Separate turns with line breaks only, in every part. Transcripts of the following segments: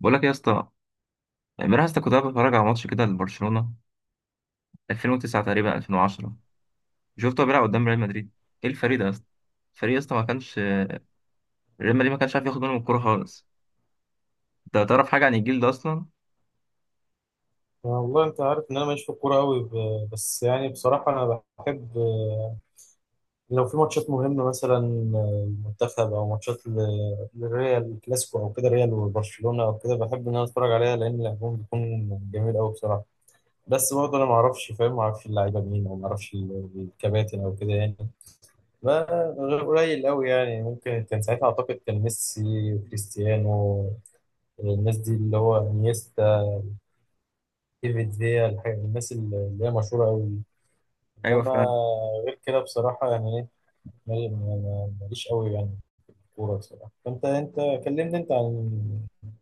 بقول لك يا اسطى. امبارح يا اسطى كنت قاعد بتفرج على ماتش كده لبرشلونه، 2009 تقريبا 2010. شفته بيلعب قدام ريال مدريد. ايه الفريق ده يا اسطى؟ الفريق يا اسطى ما كانش، ريال مدريد ما كانش عارف ياخد منهم الكوره خالص. انت تعرف حاجه عن الجيل ده اصلا؟
والله انت عارف ان انا ماليش في الكوره قوي، بس يعني بصراحه انا بحب. لو في ماتشات مهمه مثلا المنتخب او ماتشات الريال الكلاسيكو او كده ريال وبرشلونه او كده، بحب ان انا اتفرج عليها لان لعبهم بيكون جميل قوي بصراحه. بس برضه انا ما اعرفش، فاهم، ما اعرفش اللعيبه مين او ما اعرفش الكباتن او كده يعني. غير قليل قوي يعني، ممكن كان ساعتها اعتقد كان ميسي وكريستيانو، الناس دي، اللي هو انيستا، ديفيد فيا، الناس اللي هي مشهوره قوي.
ايوه
انما
فعلا.
غير كده بصراحه يعني ايه، ماليش قوي يعني في الكوره بصراحه. فانت، كلمني انت عن،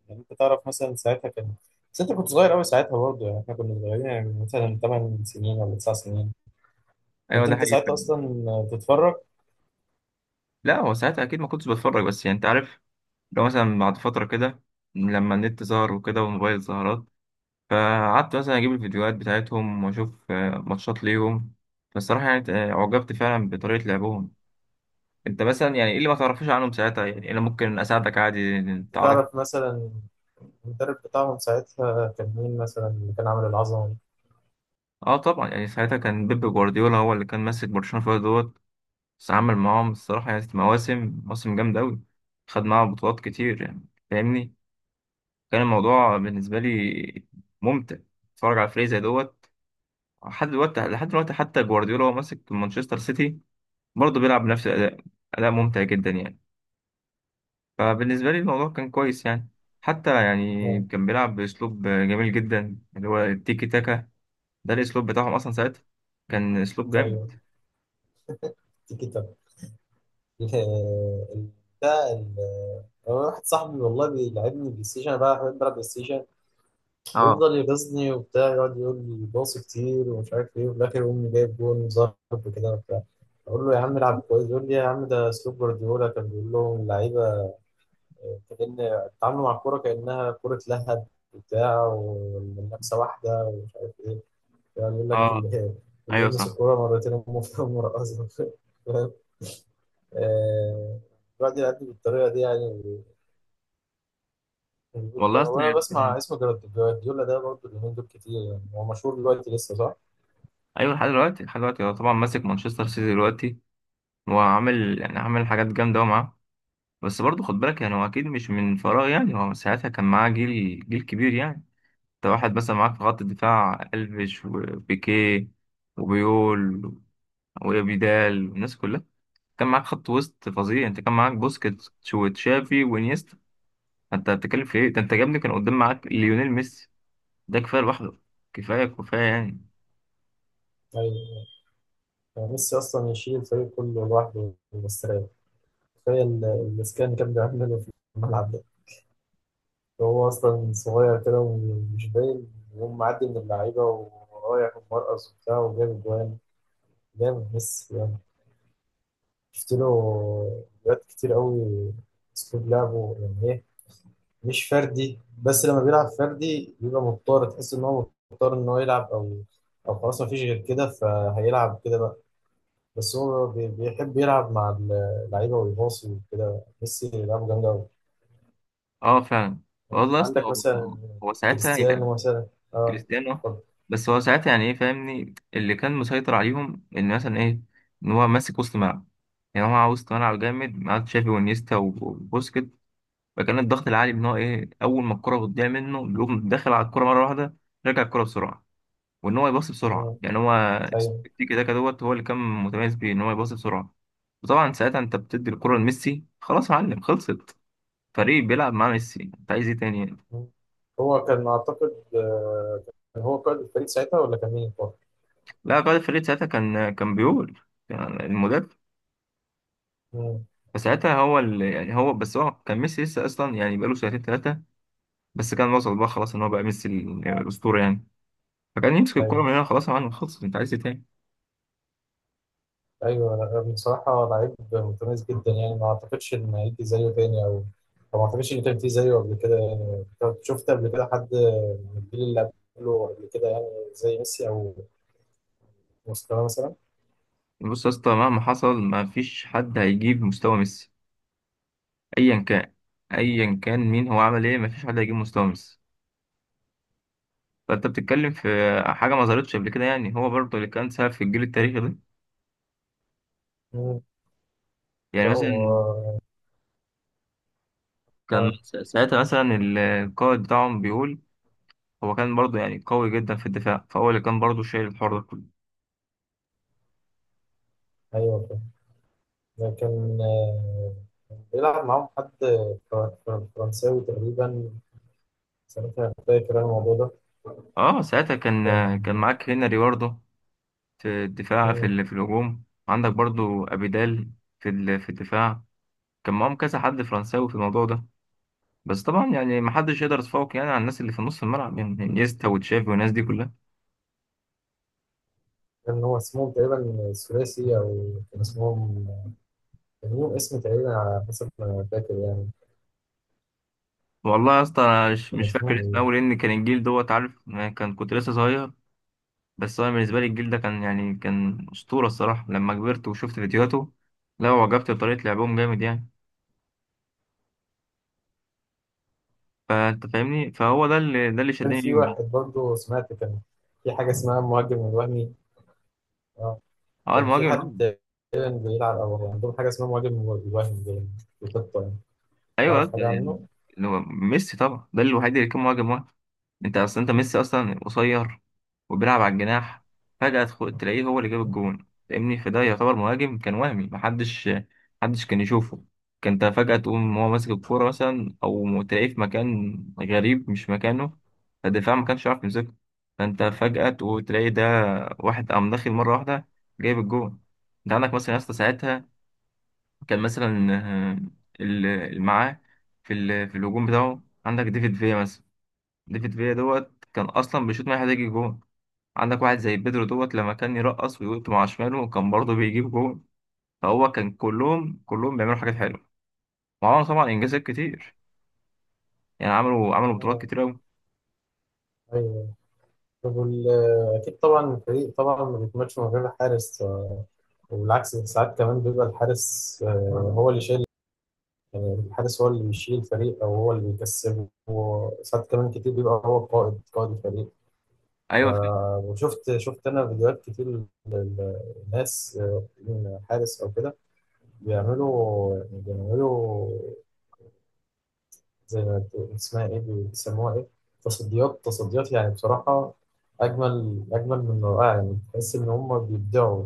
يعني انت تعرف مثلا ساعتها كان، بس انت كنت صغير قوي ساعتها برضه، يعني احنا كنا صغيرين يعني مثلا 8 سنين ولا 9 سنين؟
ايوه
كنت
ده
انت
حقيقي
ساعتها
فعلا.
اصلا تتفرج؟
لا، هو ساعتها اكيد ما كنتش بتفرج، بس يعني انت عارف، لو مثلا بعد فتره كده لما النت ظهر وكده والموبايل ظهرت، فقعدت مثلا اجيب الفيديوهات بتاعتهم واشوف ماتشات ليهم. فالصراحه يعني اعجبت فعلا بطريقه لعبهم. انت مثلا يعني ايه اللي ما تعرفوش عنهم ساعتها؟ يعني انا ممكن اساعدك عادي.
كنت
تعرف.
تعرف مثلا المدرب بتاعهم ساعتها كان مين مثلا اللي كان عامل العظمه دي؟
اه طبعا، يعني ساعتها كان بيب جوارديولا هو اللي كان ماسك برشلونة فيها دوت. بس عمل معاهم الصراحة يعني مواسم مواسم جامدة أوي. خد معاهم بطولات كتير يعني، فاهمني. كان الموضوع بالنسبة لي ممتع، اتفرج على فريق زي دوت. لحد دلوقتي لحد دلوقتي حتى جوارديولا هو ماسك مانشستر سيتي، برضه بيلعب بنفس الأداء، أداء ممتع جدا يعني. فبالنسبة لي الموضوع كان كويس يعني. حتى يعني
اه،
كان بيلعب بأسلوب جميل جدا، اللي هو التيكي تاكا. ده الأسلوب بتاعهم أصلا ساعتها. كان أسلوب جامد.
ايوه، تيكي تاكا. ال- ال- ده ال- هو واحد صاحبي والله بيلعبني بلاي ستيشن، انا بقى بحب العب بلاي ستيشن.
اه.
بيفضل يغيظني وبتاع، يقعد يقول لي باص كتير ومش عارف ايه، وفي الاخر يقوم جايب جون وظهر وكده وبتاع. اقول له يا عم العب كويس، يقول لي يا عم ده اسلوب جوارديولا كان بيقول لهم اللعيبه كان تعاملوا مع الكوره كانها كوره لهب وبتاع، والمنافسه واحده ومش عارف ايه. يعني يقول لك
اه.
اللي اللي
ايوه
يلمس
صح.
الكوره مرتين امه في مرقصه. فاهم؟ آه، الواحد يعدي بالطريقه دي يعني. بيقول
والله
يعني.
اصلا
وانا بسمع
يعني-
اسم جوارديولا ده برضه اليومين دول كتير، يعني هو مشهور دلوقتي لسه صح؟
ايوه، لحد دلوقتي لحد دلوقتي هو طبعا ماسك مانشستر سيتي دلوقتي. وعامل يعني عامل حاجات جامده أوي معاه. بس برضه خد بالك، يعني هو اكيد مش من فراغ، يعني هو ساعتها كان معاه جيل كبير يعني. انت واحد مثلا معاك في خط الدفاع الفيش وبيكيه وبيول وابيدال والناس كلها. كان معاك خط وسط فظيع، انت كان معاك بوسكيتس وتشافي وانيستا. انت بتتكلم في ايه؟ ده انت جابني، كان قدام معاك ليونيل ميسي. ده كفايه لوحده. كفايه كفايه يعني.
أيوة. يعني ميسي أصلا يشيل الفريق كله لوحده مستريح. تخيل الإسكان اللي كان بيعمله في الملعب ده، هو أصلا صغير كده ومش باين، وهو معدي من اللعيبة ورايح ومرقص وبتاع وجاب جوان. جامد ميسي يعني. شفت له فيديوهات كتير قوي. أسلوب لعبه يعني إيه، مش فردي، بس لما بيلعب فردي بيبقى مضطر، تحس إن هو مضطر إن هو يلعب، أو أو خلاص مفيش غير كده فهيلعب كده بقى. بس هو بيحب يلعب مع اللعيبه ويباصي وكده. ميسي لعبه جامد قوي
اه فعلا.
يعني.
والله اصلا
عندك
هو
مثلا
هو ساعتها يعني
كريستيانو مثلا. اه،
كريستيانو.
اتفضل.
بس هو ساعتها يعني ايه فاهمني؟ اللي كان مسيطر عليهم ان مثلا ايه، ان هو ماسك وسط ملعب. يعني هو معاه وسط ملعب جامد، معاه تشافي وانيستا وبوسكيت. فكان الضغط العالي، ان هو ايه، اول ما الكره بتضيع منه بيقوم داخل على الكره مره واحده. رجع الكره بسرعه، وان هو يباصي بسرعه
مم.
يعني. هو
ايوه.
التيكي تاكا دوت هو اللي كان متميز بيه، ان هو يباصي بسرعه. وطبعا ساعتها انت بتدي الكره لميسي، خلاص يا معلم خلصت. فريق بيلعب مع ميسي، انت عايز ايه تاني يعني؟
مم. هو كان اعتقد كان هو قائد الفريق ساعتها ولا كان مين برضه؟
لا، قائد الفريق ساعتها كان بيقول يعني المدرب.
مم.
فساعتها هو اللي يعني، هو بس، هو كان ميسي لسه اصلا يعني بقاله سنتين ثلاثه. بس كان وصل بقى خلاص ان هو بقى ميسي الاسطوره يعني. فكان يمسك الكره
ايوه،
من هنا، خلاص يا معلم خلصت، انت عايز ايه تاني؟
ايوه. لا، بصراحه لعيب متميز جدا يعني، ما اعتقدش ان هيجي زيه تاني، او أو ما اعتقدش ان كان في زيه قبل كده يعني. طب شفت قبل كده حد من الجيل اللي قبله، قبل كده يعني، زي ميسي او مستواه مثلا؟
بص يا اسطى، مهما حصل ما فيش حد هيجيب مستوى ميسي. ايا كان، ايا كان مين، هو عمل ايه، مفيش حد هيجيب مستومس. فانت بتتكلم في حاجه ما ظهرتش قبل كده يعني. هو برضه اللي كان سبب في الجيل التاريخي ده. يعني مثلا
هو
كان
آه،
ساعتها مثلا القائد بتاعهم بيقول، هو كان برضه يعني قوي جدا في الدفاع، فهو اللي كان برضه شايل الحوار ده كله.
أيوه، فاهم. لكن بيلعب معاهم حد فرنساوي تقريبا ساعتها، فاكر أنا الموضوع ده.
اه ساعتها كان،
كان،
كان معاك هنري برضه في الدفاع،
مم.
في الهجوم عندك برضه ابيدال، في الدفاع كان معاهم كذا حد فرنساوي في الموضوع ده. بس طبعا يعني ما حدش يقدر يتفوق يعني على الناس اللي في نص الملعب، يعني انيستا وتشافي والناس دي كلها.
كان هو اسمهم تقريبا ثلاثي، أو كان اسمهم، كان ليهم اسم تقريبا على حسب ما فاكر يعني.
والله يا اسطى انا مش
كان
مش فاكر
اسمهم
اسمه قوي،
إيه؟
لان كان الجيل دوت عارف أنا، كان كنت لسه صغير. بس انا بالنسبه لي الجيل ده كان يعني كان اسطوره الصراحه لما كبرت وشفت فيديوهاته. لا، وعجبت بطريقه لعبهم جامد يعني. فانت فاهمني، فهو ده اللي
كان
شدني
في
ليهم يعني.
واحد برضه، سمعت كان في حاجة اسمها المهاجم الوهمي. آه.
اه
كان في حد
المهاجم،
تقريبا بيلعب، أو عندهم حاجة اسمها مهاجم الوهمي باين في الخطة يعني.
ايوه
تعرف
أصلاً
حاجة عنه؟
يعني اللي هو ميسي طبعا، ده الوحيد اللي كان مهاجم واحد. انت اصلا، انت ميسي اصلا قصير، وبيلعب على الجناح. فجأة تلاقيه هو اللي جاب الجون. فاهمني، فده يعتبر مهاجم كان وهمي، محدش كان يشوفه. كان انت فجأة تقوم هو ماسك الكورة مثلا، او تلاقيه في مكان غريب مش مكانه. فالدفاع ما كانش عارف يمسكه، فانت فجأة تقوم تلاقي ده واحد قام داخل مرة واحدة جايب الجون. انت عندك مثلا يا اسطى ساعتها كان مثلا آه، اللي معاه في الهجوم بتاعه عندك ديفيد فيا مثلا. ديفيد فيا دوت كان اصلا بيشوط ما يحتاج جون. عندك واحد زي بيدرو دوت، لما كان يرقص ويقط مع شماله كان برضه بيجيب جون. فهو كان كلهم بيعملوا حاجات حلوه، وعملوا طبعا انجازات كتير يعني، عملوا بطولات
آه.
كتير قوي.
أيوه. وال- أكيد طبعا الفريق طبعا ما بيكملش من غير الحارس. وبالعكس ساعات كمان بيبقى الحارس، هو اللي شايل. يعني الحارس هو اللي بيشيل الفريق أو هو اللي بيكسبه، وساعات كمان كتير بيبقى هو قائد قائد الفريق. ف-
ايوه فا-
وشفت، أنا فيديوهات كتير للناس، حارس أو كده، بيعملوا يعني بيعملوا زي ما اسمها إيه، بيسموها إيه، تصديات. تصديات يعني بصراحة أجمل، أجمل من رائع يعني، تحس إن هم بيبدعوا.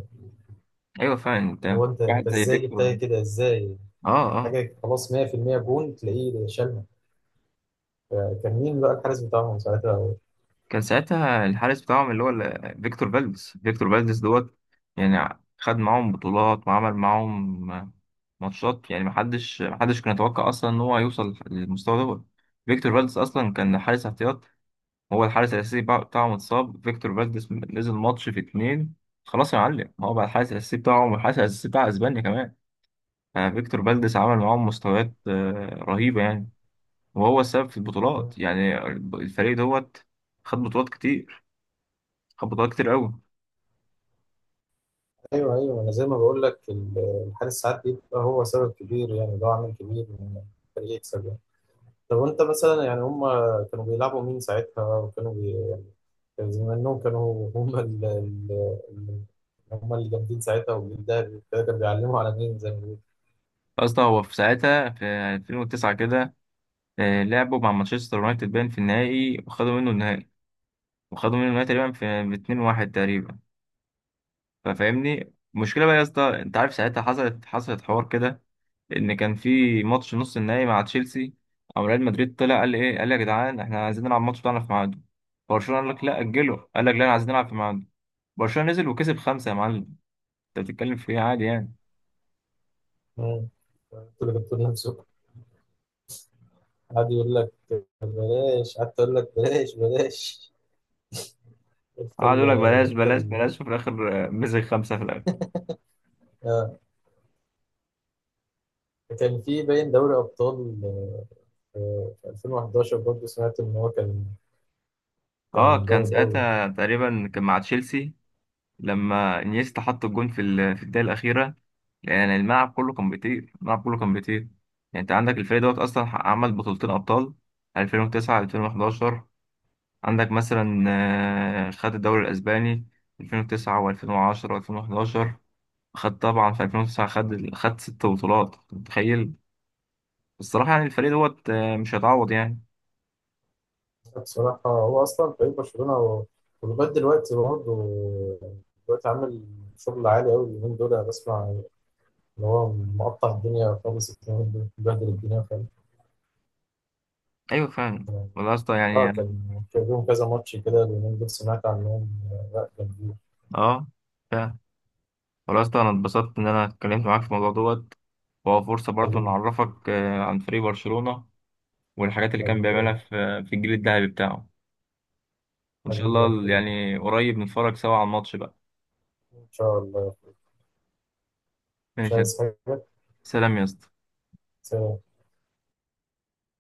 ايوه فعلا.
اللي
انت
هو انت،
واحد زي
ازاي
فيكتور.
جبتها كده ازاي.
اه. اه.
حاجه خلاص، 100% جون تلاقيه شالها. كان مين بقى الحارس بتاعهم ساعتها؟
كان ساعتها الحارس بتاعهم اللي هو فيكتور فالديز، فيكتور فالديز دوت. يعني خد معاهم بطولات وعمل معاهم ماتشات يعني، محدش كان يتوقع اصلا ان هو هيوصل للمستوى دوت. فيكتور فالديز اصلا كان حارس احتياط. هو الحارس الاساسي بتاعهم اتصاب، فيكتور فالديز نزل ماتش في اتنين. خلاص يا معلم، هو بقى الحارس الاساسي بتاعهم والحارس الاساسي بتاع اسبانيا كمان. فيكتور فالديز عمل معاهم مستويات رهيبة يعني. وهو السبب في البطولات يعني. الفريق دوت خد بطولات كتير، خبطات كتير قوي.
ايوه، ايوه، انا زي ما بقول لك، الحارس ساعات بيبقى هو سبب كبير يعني، اللي هو عامل كبير ان الفريق يكسب يعني. طب وانت مثلا يعني هم كانوا بيلعبوا مين ساعتها، وكانوا يعني كان زي ما انهم كانوا هم ال... هم اللي جامدين ساعتها، والجيل ده كانوا بيعلموا على مين زي ما بيقولوا؟
اصلا هو في ساعتها في 2009 كده، لعبوا مع مانشستر يونايتد باين في النهائي وخدوا منه النهائي. وخدوا منه النهائي تقريبا في ب 2-1 تقريبا. ففاهمني المشكله بقى يا اسطى، انت عارف ساعتها حصلت حوار كده. ان كان في ماتش نص النهائي مع تشيلسي، او ريال مدريد طلع قال ايه، قال يا جدعان احنا عايزين نلعب الماتش بتاعنا في ميعاده. برشلونه قال لك لا اجله، قال لك لا انا عايزين نلعب في ميعاده. برشلونه نزل وكسب خمسه يا معلم. انت بتتكلم في ايه عادي يعني.
مم. انتوا اللي جبتوا لنا. قعد يقول لك بلاش، قعدت اقول لك بلاش بلاش. انت
قعد
ال
يقول لك بلاش
انت
بلاش
ال
بلاش، وفي الاخر مسك خمسه في الاخر.
آه. كان في باين دوري ابطال في 2011، برضه سمعت ان هو كان
اه
كان
كان
جامد قوي.
ساعتها تقريبا كان مع تشيلسي، لما انيستا حط الجون في الدقيقه الاخيره. يعني الملعب كله كان بيطير، الملعب كله كان بيطير. يعني انت عندك الفريق دوت اصلا عمل بطولتين ابطال، 2009 2011. عندك مثلا خد الدوري الاسباني 2009 و2010 و2011. خد طبعا في 2009، خد 6 بطولات، أنت متخيل. الصراحه يعني الفريق دوت مش هيتعوض يعني.
بصراحه هو اصلا فريق برشلونه هو، ولغايه دلوقتي برضه دلوقتي عامل شغل عالي قوي اليومين دول. انا بسمع ان هو مقطع الدنيا خالص اليومين دول، بهدل الدنيا خالص
ايوه فعلا.
يعني.
والله يا اسطى
اه
يعني.
كان، كان لهم كذا ماتش كده اليومين دول سمعت عنهم. لا،
اه فعلا. خلاص، ده انا اتبسطت ان انا اتكلمت معاك في الموضوع دوت. وهو فرصة برضه
جامدين.
نعرفك عن فريق برشلونة. والحاجات اللي كان
حبيبي.
بيعملها في الجيل الذهبي بتاعه. وان شاء
حبيبي يا
الله
أخوي.
يعني قريب نتفرج سوا على الماتش بقى.
إن شاء الله يا أخوي. مش
ماشي يا-
عايز حاجة.
سلام يا اسطى.
سلام.